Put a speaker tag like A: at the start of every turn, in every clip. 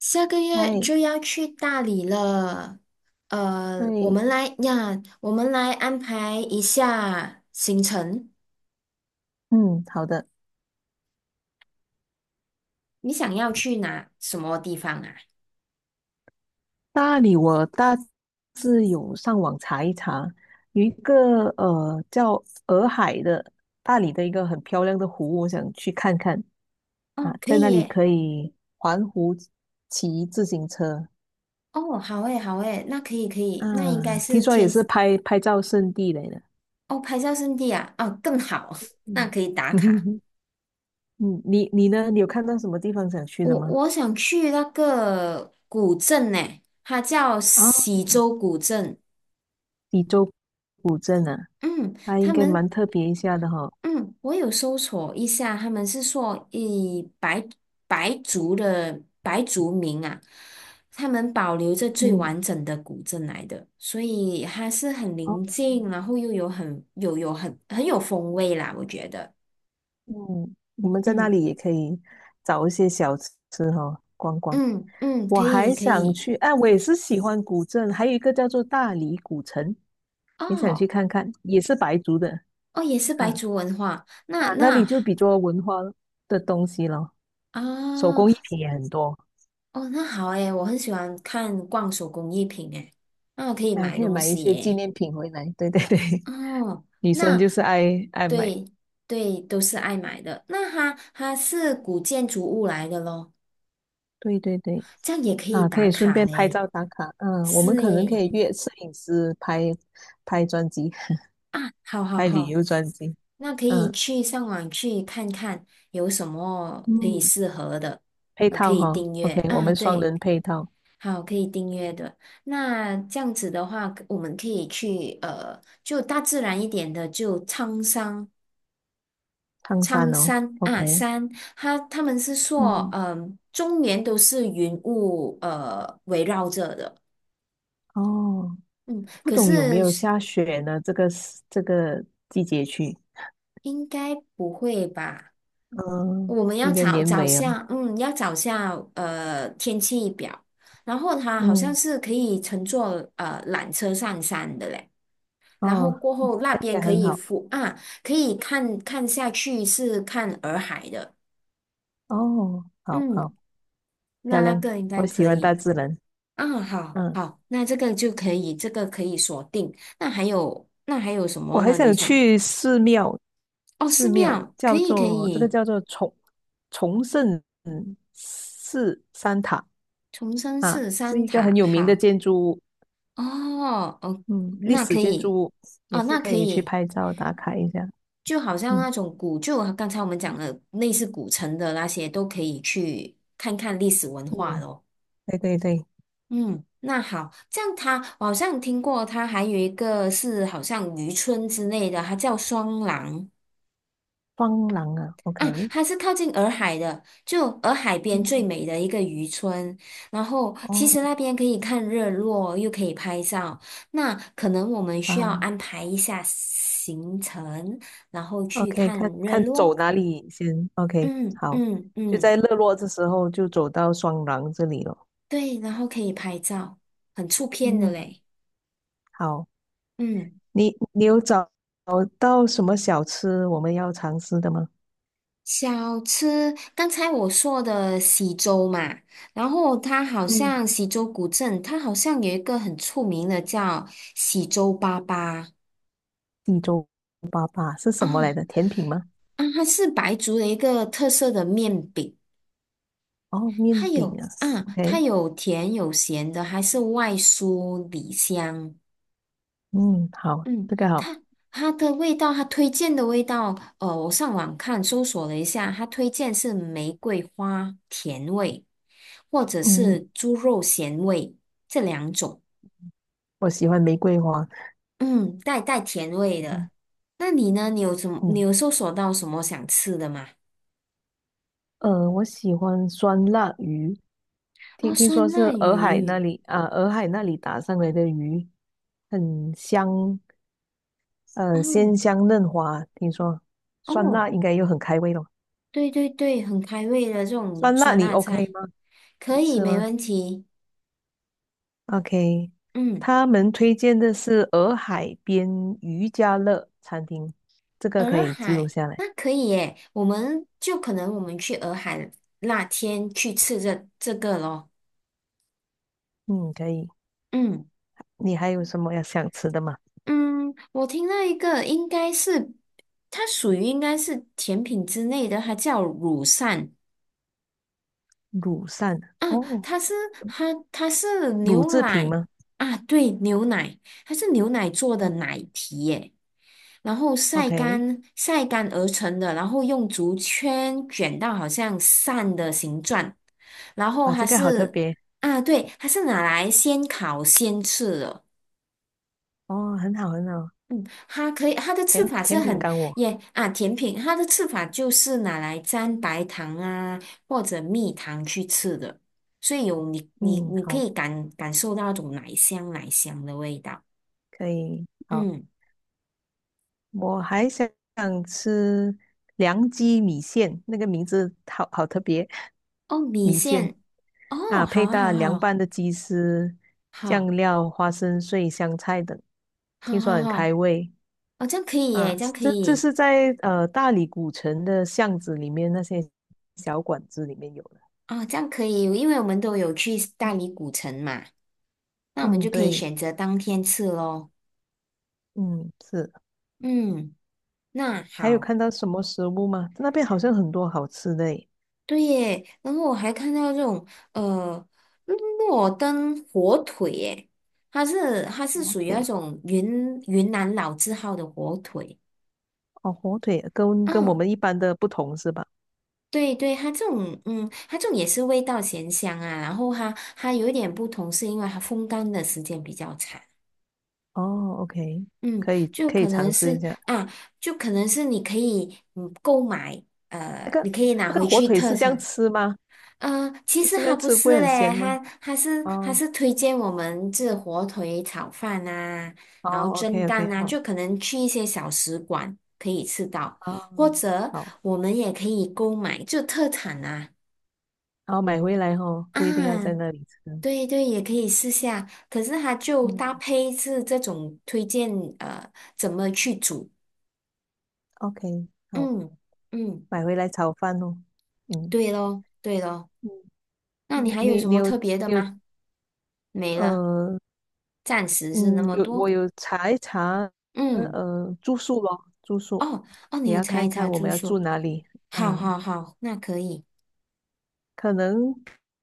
A: 下个月
B: 嗨，
A: 就要去大理了，我
B: 对，
A: 们来呀，我们来安排一下行程。
B: 嗯，好的。
A: 你想要去哪什么地方啊？
B: 大理我大致有上网查一查，有一个叫洱海的大理的一个很漂亮的湖，我想去看看。啊，
A: 哦，可
B: 在
A: 以
B: 那里
A: 耶。
B: 可以环湖骑自行车。
A: 哦，好诶，好诶，那可以可
B: 啊，
A: 以，那应该
B: 听
A: 是
B: 说也
A: 天，
B: 是拍拍照圣地来的。
A: 哦，拍照圣地啊，哦，更好，那
B: 嗯
A: 可以打卡。
B: 嗯，你呢？你有看到什么地方想去的
A: 我
B: 吗？
A: 我想去那个古镇呢，它叫
B: 啊，
A: 喜洲古镇。
B: 滇州古镇啊，
A: 嗯，
B: 它
A: 他
B: 应该
A: 们
B: 蛮特别一下的哈。
A: 嗯，我有搜索一下，他们是说以白族的白族民啊，他们保留着最
B: 嗯。
A: 完整的古镇来的，所以它是很
B: 哦，
A: 宁静，然后又有很有风味啦，我觉得。
B: 嗯，我们在那
A: 嗯
B: 里也可以找一些小吃哈，逛逛。
A: 嗯嗯，可
B: 我
A: 以
B: 还
A: 可
B: 想
A: 以。
B: 去，哎，我也是喜欢古镇，还有一个叫做大理古城，也想去
A: 哦
B: 看看，也是白族的，
A: 哦，也是
B: 嗯。
A: 白族文化，
B: 啊，
A: 那
B: 那里
A: 那
B: 就比较文化的东西咯，手工艺
A: 啊
B: 品也很多。
A: 哦，那好诶，我很喜欢看逛手工艺品诶，那我可以
B: 啊，
A: 买
B: 可以
A: 东
B: 买一
A: 西
B: 些纪
A: 耶。
B: 念品回来。对 对对，
A: 哦，
B: 女生
A: 那
B: 就是爱买，
A: 对对，都是爱买的。那它是古建筑物来的咯，
B: 对对对。
A: 这样也可以
B: 啊，可
A: 打
B: 以顺
A: 卡
B: 便拍
A: 嘞。
B: 照打卡。嗯，我们
A: 是
B: 可能可
A: 诶，
B: 以约摄影师拍拍专辑。
A: 啊，好好
B: 还旅
A: 好，
B: 游专辑。
A: 那可以
B: 嗯，
A: 去上网去看看有什么可以
B: 嗯
A: 适合的，
B: 配
A: 可
B: 套
A: 以
B: 哈
A: 订阅
B: ，OK，我
A: 啊，
B: 们双
A: 对，
B: 人配套。
A: 好，可以订阅的。那这样子的话，我们可以去，就大自然一点的，就苍山。
B: 烫
A: 苍
B: 山哦
A: 山啊，
B: ，OK。
A: 他们是说，
B: 嗯，
A: 终年都是云雾围绕着的，
B: 哦，
A: 嗯，
B: 不
A: 可
B: 懂有没
A: 是
B: 有
A: 是
B: 下雪呢？这个时这个季节去。
A: 应该不会吧？
B: 嗯，
A: 我们要
B: 应该
A: 找
B: 年
A: 找
B: 尾啊。
A: 下，要找下天气表，然后它好像
B: 嗯，
A: 是可以乘坐缆车上山的嘞，然后
B: 哦，
A: 过后那
B: 应
A: 边
B: 该
A: 可
B: 很
A: 以
B: 好。
A: 俯啊，可以看看下去是看洱海的，
B: 哦，好好
A: 嗯，
B: 漂
A: 那那
B: 亮，
A: 个应该
B: 我喜
A: 可
B: 欢大
A: 以。
B: 自然。
A: 啊，好
B: 嗯，
A: 好，那这个就可以，这个可以锁定。那还有什
B: 我
A: 么
B: 还
A: 呢？你
B: 想
A: 想，
B: 去寺庙，
A: 哦，
B: 寺
A: 寺
B: 庙
A: 庙，可
B: 叫
A: 以可
B: 做
A: 以，
B: 崇圣寺三塔。
A: 重生
B: 啊，
A: 寺
B: 是
A: 三
B: 一个很
A: 塔，
B: 有名的
A: 好，
B: 建筑物，
A: 哦哦，
B: 嗯历
A: 那
B: 史
A: 可
B: 建筑
A: 以，
B: 物，也
A: 哦，
B: 是
A: 那
B: 可
A: 可
B: 以去
A: 以，
B: 拍照打卡一下。
A: 就好像
B: 嗯
A: 那种古旧，刚才我们讲的类似古城的那些，都可以去看看历史文化
B: 嗯，
A: 咯。
B: 对对对。
A: 嗯，那好，这样它，我好像听过，它还有一个是好像渔村之类的，它叫双廊。
B: 双廊啊
A: 啊，
B: ，OK。
A: 它是靠近洱海的，就洱海边最
B: 嗯，
A: 美的一个渔村。然后其实
B: 哦，
A: 那边可以看日落，又可以拍照。那可能我们需要
B: 啊
A: 安排一下行程，然后去
B: ，OK,
A: 看
B: 看
A: 日
B: 看走
A: 落。
B: 哪里先，OK,
A: 嗯
B: 好，
A: 嗯
B: 就
A: 嗯，
B: 在日落的时候就走到双廊这里了。
A: 对，然后可以拍照，很出片的
B: 嗯，
A: 嘞。
B: 好，
A: 嗯。
B: 你有找到什么小吃我们要尝试的吗？
A: 小吃，刚才我说的喜洲嘛，然后它好
B: 嗯
A: 像喜洲古镇，它好像有一个很出名的叫喜洲粑粑
B: 地州粑粑是什么来
A: 啊
B: 的？甜品吗？
A: 啊，它是白族的一个特色的面饼，
B: 哦，
A: 还
B: 面饼
A: 有
B: 啊
A: 啊，它
B: ，OK。
A: 有甜有咸的，还是外酥里香。
B: 嗯，好，
A: 嗯，
B: 这个好。
A: 它它推荐的味道，我上网看搜索了一下，它推荐是玫瑰花甜味，或者
B: 嗯，
A: 是猪肉咸味这两种，
B: 我喜欢玫瑰花。
A: 带甜味的。
B: 嗯
A: 那你呢？你有什么？你
B: 嗯。
A: 有搜索到什么想吃的吗？
B: 我喜欢酸辣鱼，
A: 哦，
B: 听听
A: 酸
B: 说是
A: 辣
B: 洱海那
A: 鱼，
B: 里啊，洱海那里打上来的鱼，很香。鲜
A: 哦
B: 香嫩滑。听说酸
A: 哦，
B: 辣应该又很开胃咯。
A: 对对对，很开胃的这种
B: 酸辣
A: 酸
B: 你
A: 辣
B: OK
A: 菜，
B: 吗？
A: 可
B: 你
A: 以，
B: 吃
A: 没
B: 吗
A: 问题。
B: ？OK,
A: 嗯。
B: 他们推荐的是洱海边渔家乐餐厅，这个可
A: 洱
B: 以记录
A: 海，
B: 下来。
A: 那可以耶，我们就可能我们去洱海那天去吃这个咯。
B: 嗯，可以。
A: 嗯
B: 你还有什么要想吃的吗？
A: 嗯，我听到一个应该是它属于应该是甜品之类的，它叫乳扇，
B: 乳扇
A: 啊，
B: 哦，
A: 它是它它是
B: 乳
A: 牛
B: 制品
A: 奶
B: 吗？
A: 啊，对，牛奶，它是牛奶做的
B: 嗯
A: 奶皮耶，然后晒
B: ，OK。
A: 干晒干而成的，然后用竹圈卷到好像扇的形状，然后
B: 啊，
A: 它
B: 这个好特
A: 是
B: 别。
A: 啊，对，它是拿来先烤先吃的。
B: 哦，很好很好。
A: 嗯，它可以，它的吃
B: 甜
A: 法是
B: 甜品
A: 很
B: 干我，
A: 耶啊，甜品它的吃法就是拿来沾白糖啊或者蜜糖去吃的，所以有你你
B: 嗯，
A: 你可
B: 好，
A: 以感受到那种奶香奶香的味道。
B: 可以，好，
A: 嗯，
B: 我还想吃凉鸡米线，那个名字好好特别，
A: 哦，米
B: 米线
A: 线，哦，
B: 啊，
A: 好
B: 配
A: 啊，
B: 搭
A: 好
B: 凉
A: 啊
B: 拌的鸡丝、
A: 好
B: 酱
A: 好
B: 料、花生碎、香菜等，
A: 好
B: 听说
A: 好
B: 很
A: 好，
B: 开胃。
A: 哦，这样可以
B: 啊，
A: 耶，这样可
B: 这
A: 以，
B: 是在大理古城的巷子里面那些小馆子里面有的。
A: 哦，这样可以，因为我们都有去大理古城嘛，那我们
B: 嗯，
A: 就可以
B: 对，
A: 选择当天吃咯。
B: 嗯，是。
A: 嗯，那
B: 还有
A: 好。
B: 看到什么食物吗？那边好像很多好吃的诶。
A: 对耶，然后我还看到这种呃诺登火腿耶，它是
B: 火
A: 属于那
B: 腿
A: 种云南老字号的火腿。
B: 哦，火腿跟我
A: 嗯，
B: 们一般的不同是吧？
A: 对对，它这种也是味道咸香啊，然后它有一点不同，是因为它风干的时间比较长。
B: 哦，OK,
A: 嗯，
B: 可以
A: 就
B: 可以
A: 可能
B: 尝试一
A: 是
B: 下。
A: 啊，就可能是你可以购买
B: 那个
A: 你可以拿
B: 那个
A: 回
B: 火
A: 去
B: 腿
A: 特
B: 是这样
A: 产。
B: 吃吗？
A: 嗯，其
B: 就
A: 实
B: 是那
A: 还
B: 样
A: 不
B: 吃不会
A: 是
B: 很
A: 嘞，
B: 咸吗？
A: 还还是还
B: 哦
A: 是推荐我们这火腿炒饭啊，然后
B: 哦
A: 蒸
B: ，OK OK,
A: 蛋啊，
B: 好，
A: 就可能去一些小食馆可以吃到，
B: 哦
A: 或者
B: 好，
A: 我们也可以购买，就特产啊
B: 然后买回来哦，不一定要在
A: 啊，
B: 那里吃。
A: 对对，也可以试下。可是它就搭
B: 嗯
A: 配是这种推荐，呃，怎么去煮？
B: ，OK,好，
A: 嗯嗯，
B: 买回来炒饭哦。嗯
A: 对咯对咯。
B: 嗯，
A: 那你
B: 你
A: 还有
B: 你
A: 什
B: 你
A: 么
B: 有
A: 特别的
B: 你有
A: 吗？没了，
B: 呃
A: 暂时是
B: 嗯，
A: 那么
B: 有我
A: 多。
B: 有查一查，
A: 嗯。
B: 呃，住宿咯，住宿
A: 哦哦，你
B: 也
A: 有
B: 要
A: 查
B: 看
A: 一
B: 一
A: 查
B: 看我
A: 住
B: 们要住
A: 宿，
B: 哪里。
A: 好
B: 嗯，
A: 好好，那可以。
B: 可能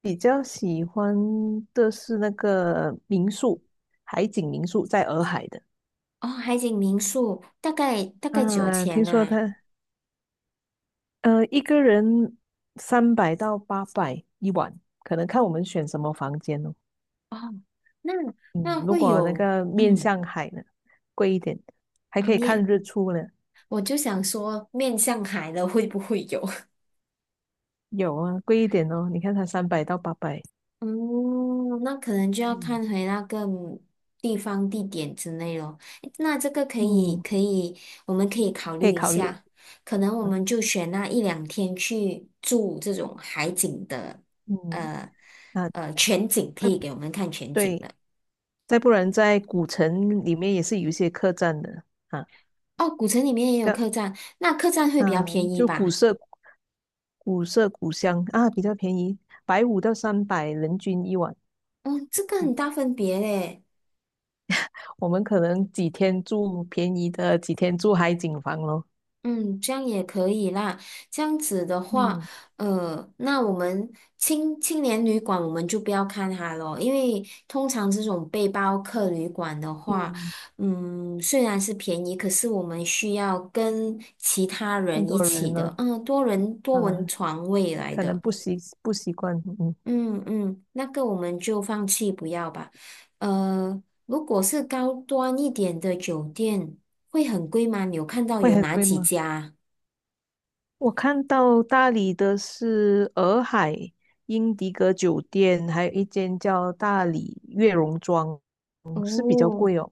B: 比较喜欢的是那个民宿，海景民宿在洱海的。
A: 哦，海景民宿大概几
B: 啊，
A: 千
B: 听说
A: 呐、
B: 他一个人三百到八百一晚，可能看我们选什么房间哦。
A: 哦，那
B: 嗯，
A: 那
B: 如
A: 会
B: 果那
A: 有，
B: 个面
A: 嗯
B: 向海的，贵一点，还
A: 啊
B: 可以看
A: 面，
B: 日出呢。
A: 我就想说面向海的会不会有？
B: 有啊，贵一点哦，你看它三百到八百。
A: 嗯，那可能就要
B: 嗯。
A: 看回那个地方、地点之类咯。诶那这个可以，
B: 嗯，
A: 可以，我们可以考
B: 可
A: 虑
B: 以
A: 一
B: 考虑。
A: 下。可能我们就选那一两天去住这种海景的，
B: 嗯，
A: 呃
B: 啊，
A: 全景可
B: 再
A: 以给我们看全景
B: 对，
A: 的。
B: 再不然在古城里面也是有一些客栈的。啊，
A: 哦，古城里面也
B: 这
A: 有
B: 样
A: 客栈，那客栈会比较
B: 啊，
A: 便宜
B: 就古
A: 吧？
B: 色古色古香啊，比较便宜，150到300人均一晚。
A: 哦，这个很大分别嘞。
B: 我们可能几天住便宜的，几天住海景房咯。
A: 嗯，这样也可以啦。这样子的话，
B: 嗯
A: 那我们青年旅馆我们就不要看它咯，因为通常这种背包客旅馆的话，
B: 嗯，
A: 虽然是便宜，可是我们需要跟其他
B: 很
A: 人
B: 多
A: 一起
B: 人呢。
A: 的，多人
B: 啊，
A: 床位来
B: 可能
A: 的，
B: 不习惯。嗯，
A: 嗯嗯，那个我们就放弃不要吧。呃，如果是高端一点的酒店，会很贵吗？你有看到
B: 会
A: 有
B: 很
A: 哪
B: 贵
A: 几
B: 吗？
A: 家啊
B: 我看到大理的是洱海英迪格酒店，还有一间叫大理悦榕庄，嗯，是比较
A: 哦，
B: 贵哦，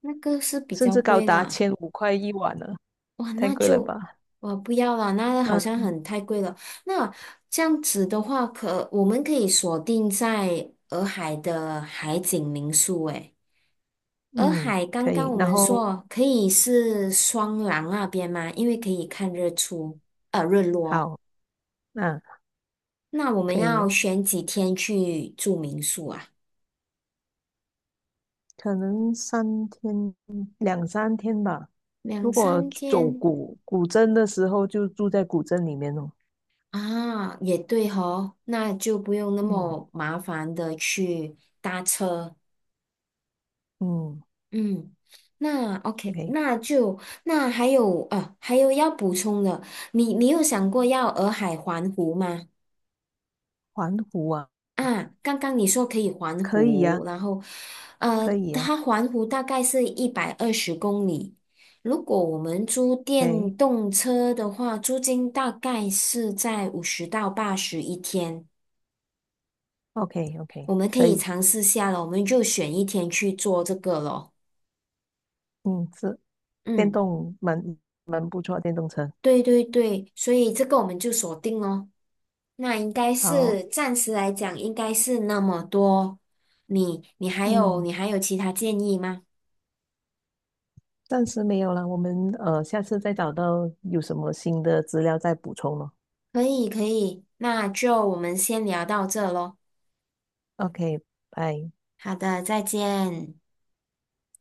A: 那个是比
B: 甚
A: 较
B: 至高
A: 贵
B: 达
A: 啦，
B: 1500块一晚了，
A: 哇，
B: 太
A: 那
B: 贵了
A: 就
B: 吧？
A: 我不要了，那好像
B: 嗯
A: 很太贵了。那这样子的话，可我们可以锁定在洱海的海景民宿。诶，洱
B: 嗯，
A: 海刚
B: 可
A: 刚
B: 以。
A: 我
B: 然
A: 们
B: 后
A: 说可以是双廊那边吗？因为可以看日出，日落。
B: 好，那，
A: 那我们
B: 可
A: 要
B: 以，
A: 选几天去住民宿啊？
B: 可能两三天吧。
A: 两
B: 如果
A: 三
B: 走
A: 天。
B: 古镇的时候，就住在古镇里面哦。
A: 啊，也对哦，那就不用那
B: 嗯
A: 么麻烦的去搭车。
B: 嗯
A: 嗯，那 OK，
B: ，OK。
A: 那还有啊，还有要补充的，你有想过要洱海环湖吗？
B: 环湖啊，
A: 啊，刚刚你说可以环
B: 可以呀、
A: 湖，然后
B: 可以呀、o
A: 它环湖大概是120公里。如果我们租
B: k
A: 电动车的话，租金大概是在50到80一天。
B: o k o k
A: 我们可
B: 可
A: 以
B: 以。
A: 尝试下了，我们就选一天去做这个咯。
B: 嗯，是电
A: 嗯，
B: 动蛮不错，电动车。
A: 对对对，所以这个我们就锁定咯。那应该
B: 好，
A: 是暂时来讲，应该是那么多。你你还有
B: 嗯，
A: 你还有其他建议吗？
B: 暂时没有了，我们下次再找到有什么新的资料再补充咯。
A: 可以可以，那就我们先聊到这咯。
B: OK,拜。
A: 好的，再见。